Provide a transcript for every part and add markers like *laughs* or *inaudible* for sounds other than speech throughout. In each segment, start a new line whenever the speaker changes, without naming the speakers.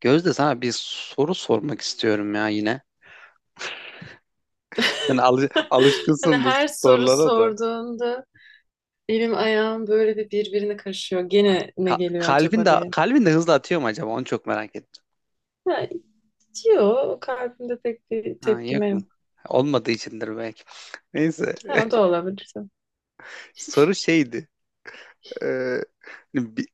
Gözde, sana bir soru sormak istiyorum ya yine. Sen
*laughs* Hani
alışkınsın bu
her soru
sorulara da.
sorduğunda elim ayağım böyle bir birbirine karışıyor.
Ay,
Gene ne geliyor
kalbin
acaba
de
diye.
kalbin de hızlı atıyor mu acaba? Onu çok merak ettim.
Ha, diyor. Kalbimde pek bir
Ha,
tepkime
yok mu?
yok.
Olmadığı içindir belki. *laughs* Neyse.
Ha, o da
*laughs*
olabilir.
Soru şeydi. Ee, hani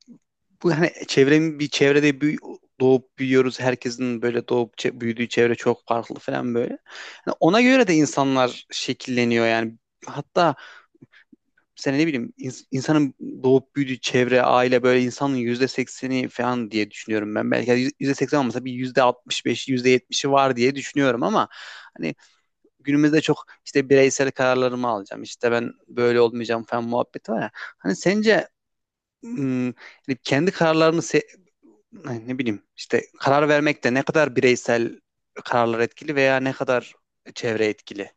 bu hani çevrenin bir çevrede büyü, doğup büyüyoruz. Herkesin böyle doğup büyüdüğü çevre çok farklı falan böyle. Yani ona göre de insanlar şekilleniyor yani. Hatta sen ne bileyim insanın doğup büyüdüğü çevre, aile böyle insanın yüzde sekseni falan diye düşünüyorum ben. Belki yani yüzde seksen olmasa bir yüzde altmış beş, yüzde yetmişi var diye düşünüyorum ama hani günümüzde çok işte bireysel kararlarımı alacağım, işte ben böyle olmayacağım falan muhabbeti var ya. Hani sence ım, hani hani ne bileyim işte karar vermekte ne kadar bireysel kararlar etkili veya ne kadar çevre etkili?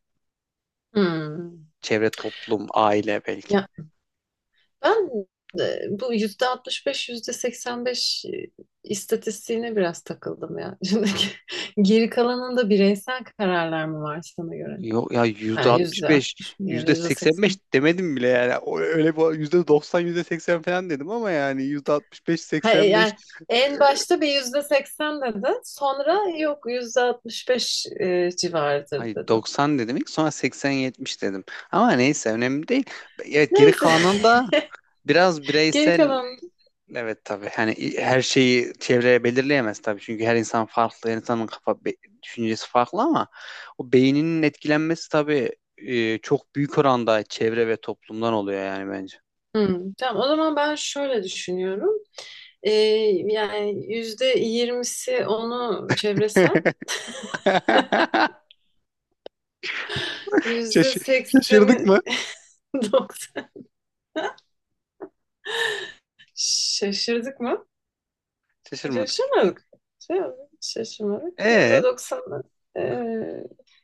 Hmm.
Çevre, toplum, aile
Ya
belki.
ben bu %65 %85 istatistiğine biraz takıldım ya. *laughs* Şimdi geri kalanında bireysel kararlar mı var sana göre?
Yok ya, yüzde
Yani
altmış
yüzde
beş,
60 mı ya da
yüzde
yüzde
seksen beş
seksen?
demedim bile yani. Öyle bu %90, %80 falan dedim ama yani yüzde altmış beş,
Ha,
seksen beş.
yani en başta bir %80 dedi. Sonra yok %65 civarıdır
Hayır,
dedim.
doksan dedim ilk, sonra seksen, 70 dedim. Ama neyse, önemli değil. Evet, geri
Neyse
kalanın da biraz
*laughs* geri
bireysel,
kalan.
evet tabii. Hani her şeyi çevreye belirleyemez tabii. Çünkü her insan farklı, her insanın düşüncesi farklı ama o beyninin etkilenmesi tabii çok büyük oranda çevre ve toplumdan oluyor yani bence.
Hmm, tamam o zaman ben şöyle düşünüyorum. Ee, Yani %20'si onu çevresi,
*laughs* *laughs*
yüzde
Şaş- şaşırdık
sekseni
mı?
*laughs* 90. Şaşırdık mı?
Şaşırmadık.
Şaşırmadık. Şey, Şaşırmadık.
E,
%90'ı ee,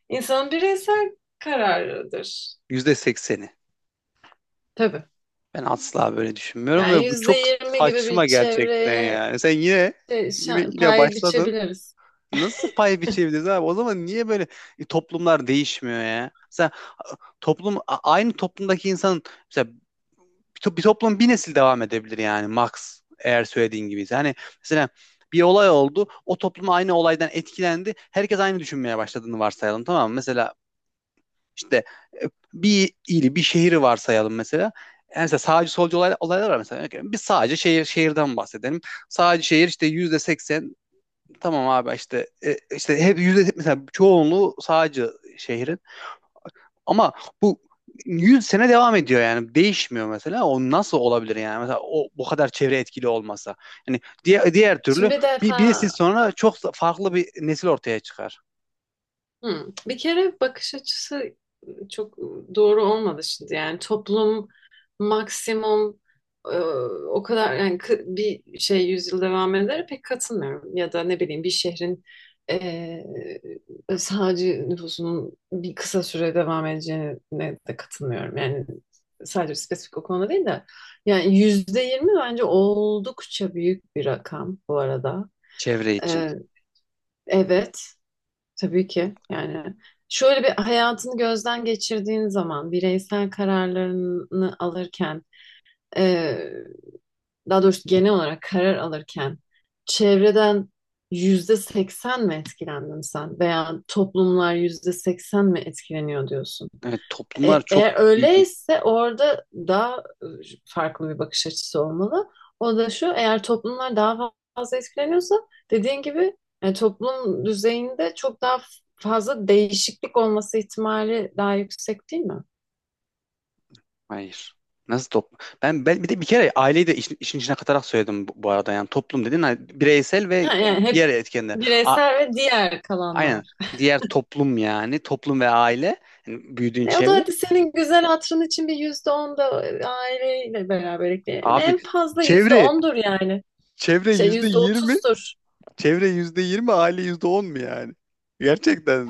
insanın bireysel kararıdır.
yüzde sekseni.
Tabii.
Ben asla böyle düşünmüyorum
Yani
ve bu
yüzde
çok
yirmi gibi
saçma
bir
gerçekten
çevreye
yani. Sen yine yine yine
pay
başladın.
biçebiliriz.
Nasıl pay biçebiliriz abi? O zaman niye böyle toplumlar değişmiyor ya? Mesela a- toplum aynı toplumdaki insan, mesela bir toplum bir nesil devam edebilir yani max, eğer söylediğin gibi. Yani mesela bir olay oldu. O toplum aynı olaydan etkilendi. Herkes aynı düşünmeye başladığını varsayalım, tamam mı? Mesela İşte e, bir ili, bir şehri varsayalım mesela. Yani mesela sağcı solcu olay, olaylar var mesela. Örneğin bir sadece şehir şehirden bahsedelim. Sadece şehir işte yüzde seksen, tamam abi işte işte hep yüzde mesela çoğunluğu sağcı şehrin. Ama bu 100 sene devam ediyor yani değişmiyor mesela, o nasıl olabilir yani, mesela o bu kadar çevre etkili olmasa yani diğer türlü
Şimdi bir
bir nesil
defa.
sonra çok farklı bir nesil ortaya çıkar
Hı. Bir kere bakış açısı çok doğru olmadı şimdi. Yani toplum maksimum e, o kadar yani bir şey yüzyıl devam eder pek katılmıyorum. Ya da ne bileyim bir şehrin sadece nüfusunun bir kısa süre devam edeceğine de katılmıyorum. Yani sadece spesifik o konuda değil de yani %20 bence oldukça büyük bir rakam bu arada.
çevre için.
E, evet. Tabii ki yani şöyle bir hayatını gözden geçirdiğin zaman bireysel kararlarını alırken eee, daha doğrusu genel olarak karar alırken çevreden %80 mi etkilendin sen veya toplumlar %80 mi etkileniyor diyorsun?
Evet, toplumlar çok
Eğer
büyük.
öyleyse orada daha e, farklı bir bakış açısı olmalı. O da şu, eğer toplumlar daha fazla etkileniyorsa dediğin gibi toplum düzeyinde çok daha fazla değişiklik olması ihtimali daha yüksek değil mi?
Hayır. Nasıl toplum? Ben bir de bir kere aileyi de işin içine katarak söyledim, bu, bu arada. Yani toplum dedin, hani bireysel
Ha,
ve
yani hep
diğer etkenler.
bireysel ve diğer
Aynen.
kalanlar.
Diğer toplum yani. Toplum ve aile. Yani büyüdüğün
O da
çevre.
hadi senin güzel hatırın için bir %10 da aileyle beraber ekleyelim.
Abi,
En fazla yüzde
Çevre,
ondur yani.
çevre yüzde
Yüzde
yirmi,
otuzdur.
çevre yüzde yirmi, aile yüzde on mu yani?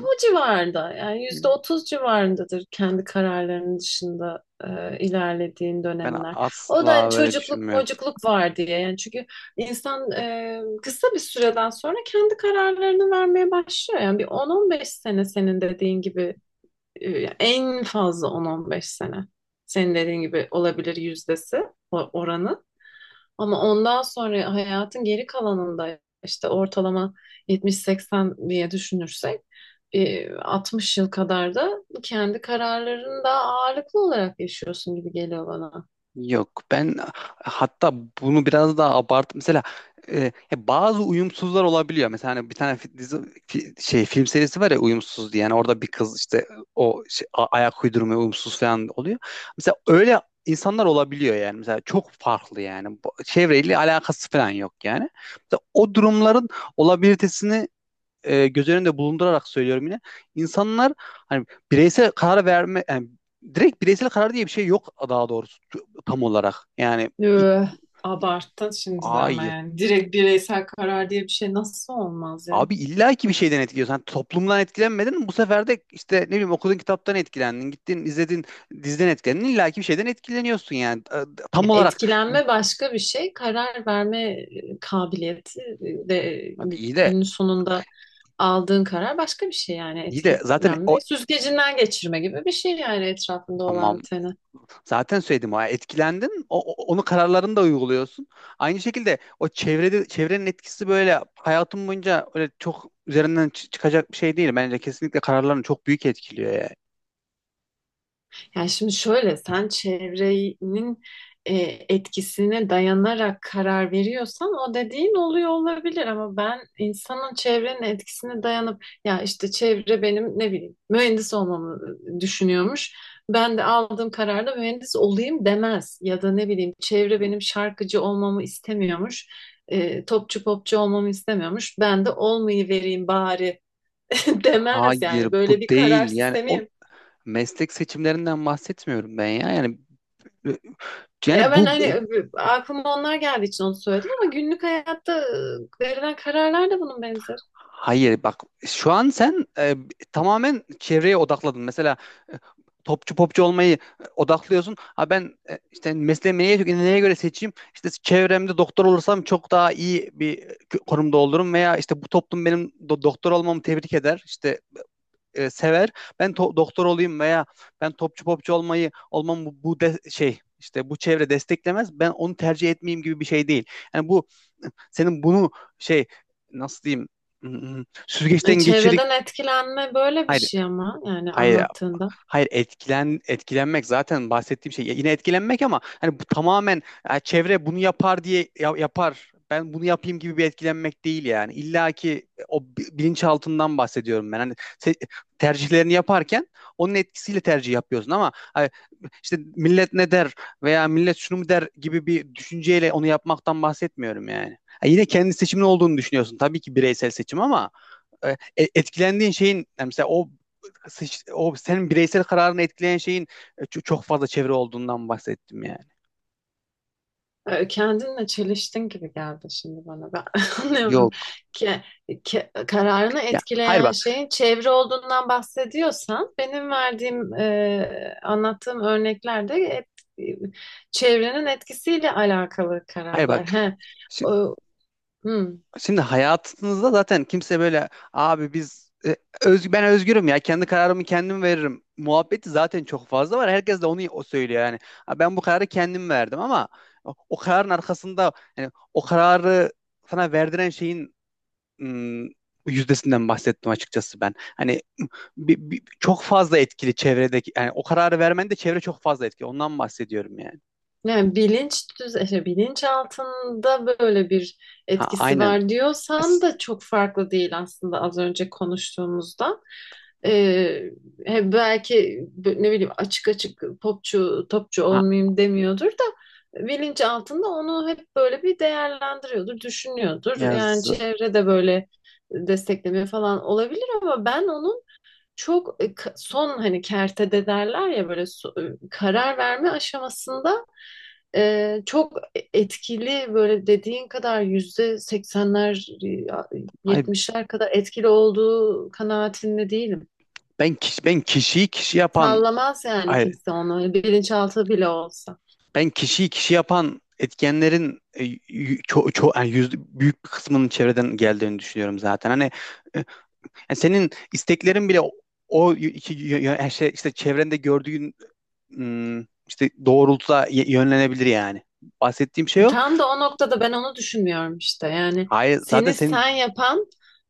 Bu civarda yani %30 civarındadır kendi kararlarının dışında ilerlediğin
ben
dönemler. O da hani
asla böyle
çocukluk
düşünmüyorum.
mocukluk var diye yani çünkü insan kısa bir süreden sonra kendi kararlarını vermeye başlıyor. Yani bir 10-15 sene senin dediğin gibi e, en fazla 10-15 sene senin dediğin gibi olabilir yüzdesi oranı. Ama ondan sonra hayatın geri kalanında işte ortalama 70-80 diye düşünürsek 60 yıl kadar da kendi kararlarını da ağırlıklı olarak yaşıyorsun gibi geliyor bana.
Yok ben hatta bunu biraz daha abart. Mesela e, ya, bazı uyumsuzlar olabiliyor. Mesela hani bir tane dizi, film serisi var ya, uyumsuz diye. Yani orada bir kız işte o şey, ayak uydurma uyumsuz falan oluyor. Mesela öyle insanlar olabiliyor yani. Mesela çok farklı yani. Çevreyle alakası falan yok yani. Mesela o durumların olabilitesini göz önünde bulundurarak söylüyorum yine. İnsanlar hani bireysel karar verme, yani direkt bireysel karar diye bir şey yok daha doğrusu, tam olarak. Yani i-
Üh, Abarttın şimdi de ama
hayır.
yani direkt bireysel karar diye bir şey nasıl olmaz ya?
Abi illa ki bir şeyden etkiliyorsun. Hani toplumdan etkilenmedin, bu sefer de işte ne bileyim okuduğun kitaptan etkilendin. Gittin, izledin, diziden etkilendin. İlla ki bir şeyden etkileniyorsun yani. Tam olarak.
Etkilenme başka bir şey, karar verme kabiliyeti de
Hani iyi de,
günün sonunda aldığın karar başka bir şey yani
zaten o,
etkilenme. Süzgecinden geçirme gibi bir şey yani etrafında olan
tamam,
biteni.
zaten söyledim. Ha, etkilendin, onu, kararlarını da uyguluyorsun. Aynı şekilde o çevrede çevrenin etkisi böyle hayatım boyunca öyle çok üzerinden çıkacak bir şey değil. Bence kesinlikle kararlarını çok büyük etkiliyor ya.
Yani şimdi şöyle sen çevrenin e, etkisine dayanarak karar veriyorsan o dediğin oluyor olabilir ama ben insanın çevrenin etkisine dayanıp ya işte çevre benim ne bileyim mühendis olmamı düşünüyormuş. Ben de aldığım kararla mühendis olayım demez ya da ne bileyim çevre benim şarkıcı olmamı istemiyormuş. Topçu popçu olmamı istemiyormuş. Ben de olmayı vereyim bari *laughs* demez
Hayır,
yani
bu
böyle bir karar
değil yani, o
sistemi.
meslek seçimlerinden bahsetmiyorum ben ya. Yani
Ya
yani
ben
bu
hani aklıma onlar geldiği için onu söyledim ama günlük hayatta verilen kararlar da bunun benzeri.
Hayır bak, şu an sen tamamen çevreye odakladın. Mesela e, topçu popçu olmayı odaklıyorsun. Ha ben işte mesleğimi neye göre seçeyim? İşte çevremde doktor olursam çok daha iyi bir konumda olurum, veya işte bu toplum benim doktor olmamı tebrik eder, İşte sever. Ben doktor olayım, veya ben topçu popçu olmayı olmam, bu, bu de- şey işte bu çevre desteklemez, ben onu tercih etmeyeyim gibi bir şey değil. Yani bu, senin bunu, şey, nasıl diyeyim, süzgeçten geçir,
Çevreden etkilenme böyle bir
hayır.
şey ama yani
Hayır,
anlattığında.
hayır, etkilenmek zaten bahsettiğim şey. Ya, yine etkilenmek ama hani bu tamamen ya çevre bunu yapar diye yapar, ben bunu yapayım gibi bir etkilenmek değil yani. İlla ki o bilinçaltından bahsediyorum ben. Hani se- tercihlerini yaparken onun etkisiyle tercih yapıyorsun ama hani işte millet ne der, veya millet şunu mu der gibi bir düşünceyle onu yapmaktan bahsetmiyorum yani. Ha, yine kendi seçimin olduğunu düşünüyorsun. Tabii ki bireysel seçim ama e, etkilendiğin şeyin, yani mesela o senin bireysel kararını etkileyen şeyin çok fazla çevre olduğundan bahsettim yani.
Kendinle çeliştin gibi geldi şimdi bana. Ben *laughs* anlıyorum
Yok.
ki, ki kararını
Ya hayır,
etkileyen
bak.
şeyin çevre olduğundan bahsediyorsan benim verdiğim anlattığım örneklerde çevrenin etkisiyle alakalı
Hayır
kararlar.
bak.
He.
Şimdi,
O, hmm.
şimdi hayatınızda zaten kimse böyle, abi biz ben özgürüm ya, kendi kararımı kendim veririm muhabbeti zaten çok fazla var. Herkes de onu, o söylüyor yani. Ha, ben bu kararı kendim verdim ama o kararın arkasında, yani o kararı sana verdiren şeyin ım, yüzdesinden bahsettim açıkçası ben. Hani çok fazla etkili çevredeki, yani o kararı vermen de çevre çok fazla etkili. Ondan bahsediyorum yani.
Yani bilinç altında böyle bir
Ha,
etkisi
aynen.
var diyorsan
As-
da çok farklı değil aslında az önce konuştuğumuzdan. Ee, he, Belki ne bileyim açık açık popçu topçu
Ha,
olmayayım demiyordur da bilinç altında onu hep böyle bir değerlendiriyordur, düşünüyordur. Yani
yaz.
çevrede böyle destekleme falan olabilir ama ben onu çok son hani kertede derler ya böyle karar verme aşamasında çok etkili böyle dediğin kadar %80'ler e,
Ay,
70'ler kadar etkili olduğu kanaatinde değilim.
ben kişi, ben kişiyi kişi yapan,
Sallamaz yani
ay,
kimse onu bilinçaltı bile olsa.
ben kişiyi kişi yapan etkenlerin yani yüzde- büyük bir kısmının çevreden geldiğini düşünüyorum zaten. Hani e, yani senin isteklerin bile o o y- iki- y- y- yani şey, işte çevrende gördüğün işte doğrultuda yönlenebilir yani. Bahsettiğim şey o.
Tam da o noktada ben onu düşünmüyorum işte. Yani
Hayır, zaten
seni sen
senin,
yapan,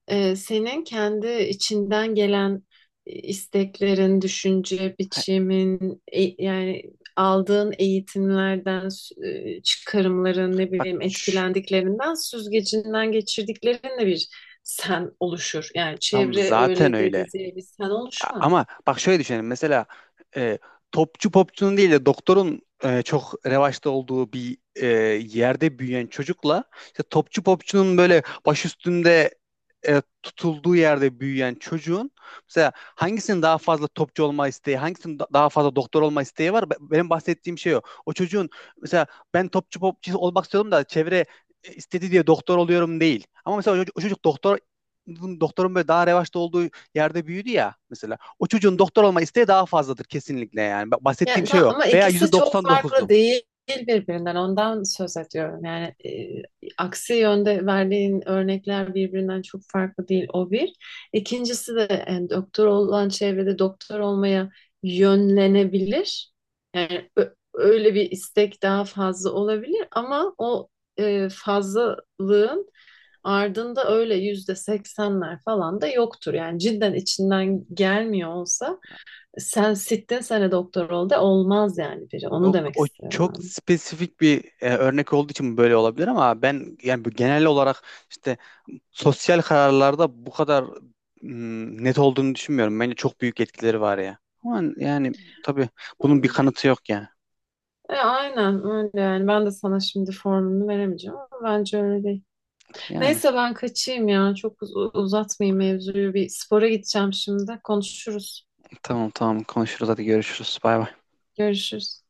senin kendi içinden gelen isteklerin, düşünce
ha,
biçimin, yani aldığın eğitimlerden, çıkarımların, ne
bak
bileyim
şş,
etkilendiklerinden, süzgecinden geçirdiklerinle bir sen oluşur. Yani
tam
çevre
zaten
öyle dedi
öyle.
diye bir sen oluşmaz.
Ama bak, şöyle düşünelim. Mesela e, topçu popçunun değil de doktorun çok revaçta olduğu bir yerde büyüyen çocukla, işte topçu popçunun böyle baş üstünde tutulduğu yerde büyüyen çocuğun, mesela hangisinin daha fazla topçu olma isteği, hangisinin daha fazla doktor olma isteği var? Benim bahsettiğim şey o. O çocuğun mesela ben topçu popçu olmak istiyordum da çevre istedi diye doktor oluyorum değil. Ama mesela o çocuk doktorun böyle daha revaçta olduğu yerde büyüdü ya mesela. O çocuğun doktor olma isteği daha fazladır kesinlikle yani. Bahsettiğim
Yani,
şey
tam,
o.
ama
Veya
ikisi çok farklı
%99'u.
değil birbirinden. Ondan söz ediyorum. Yani aksi yönde verdiğin örnekler birbirinden çok farklı değil. O bir. İkincisi de yani doktor olan çevrede doktor olmaya yönlenebilir. Yani öyle bir istek daha fazla olabilir ama o fazlalığın ardında öyle %80'ler falan da yoktur. Yani cidden içinden gelmiyor olsa sen sittin sene doktor ol de olmaz yani biri. Onu
Yok,
demek
o
istiyorum
çok
ben.
spesifik bir örnek olduğu için böyle olabilir ama ben yani bu genel olarak işte sosyal kararlarda bu kadar net olduğunu düşünmüyorum. Bence çok büyük etkileri var ya. Ama yani tabii, bunun bir kanıtı yok yani.
Aynen öyle yani. Ben de sana şimdi formunu veremeyeceğim ama bence öyle değil.
Yani
Neyse ben kaçayım ya. Çok uzatmayayım mevzuyu. Bir spora gideceğim şimdi. Konuşuruz.
tamam tamam, konuşuruz, hadi görüşürüz. Bay bay.
Görüşürüz.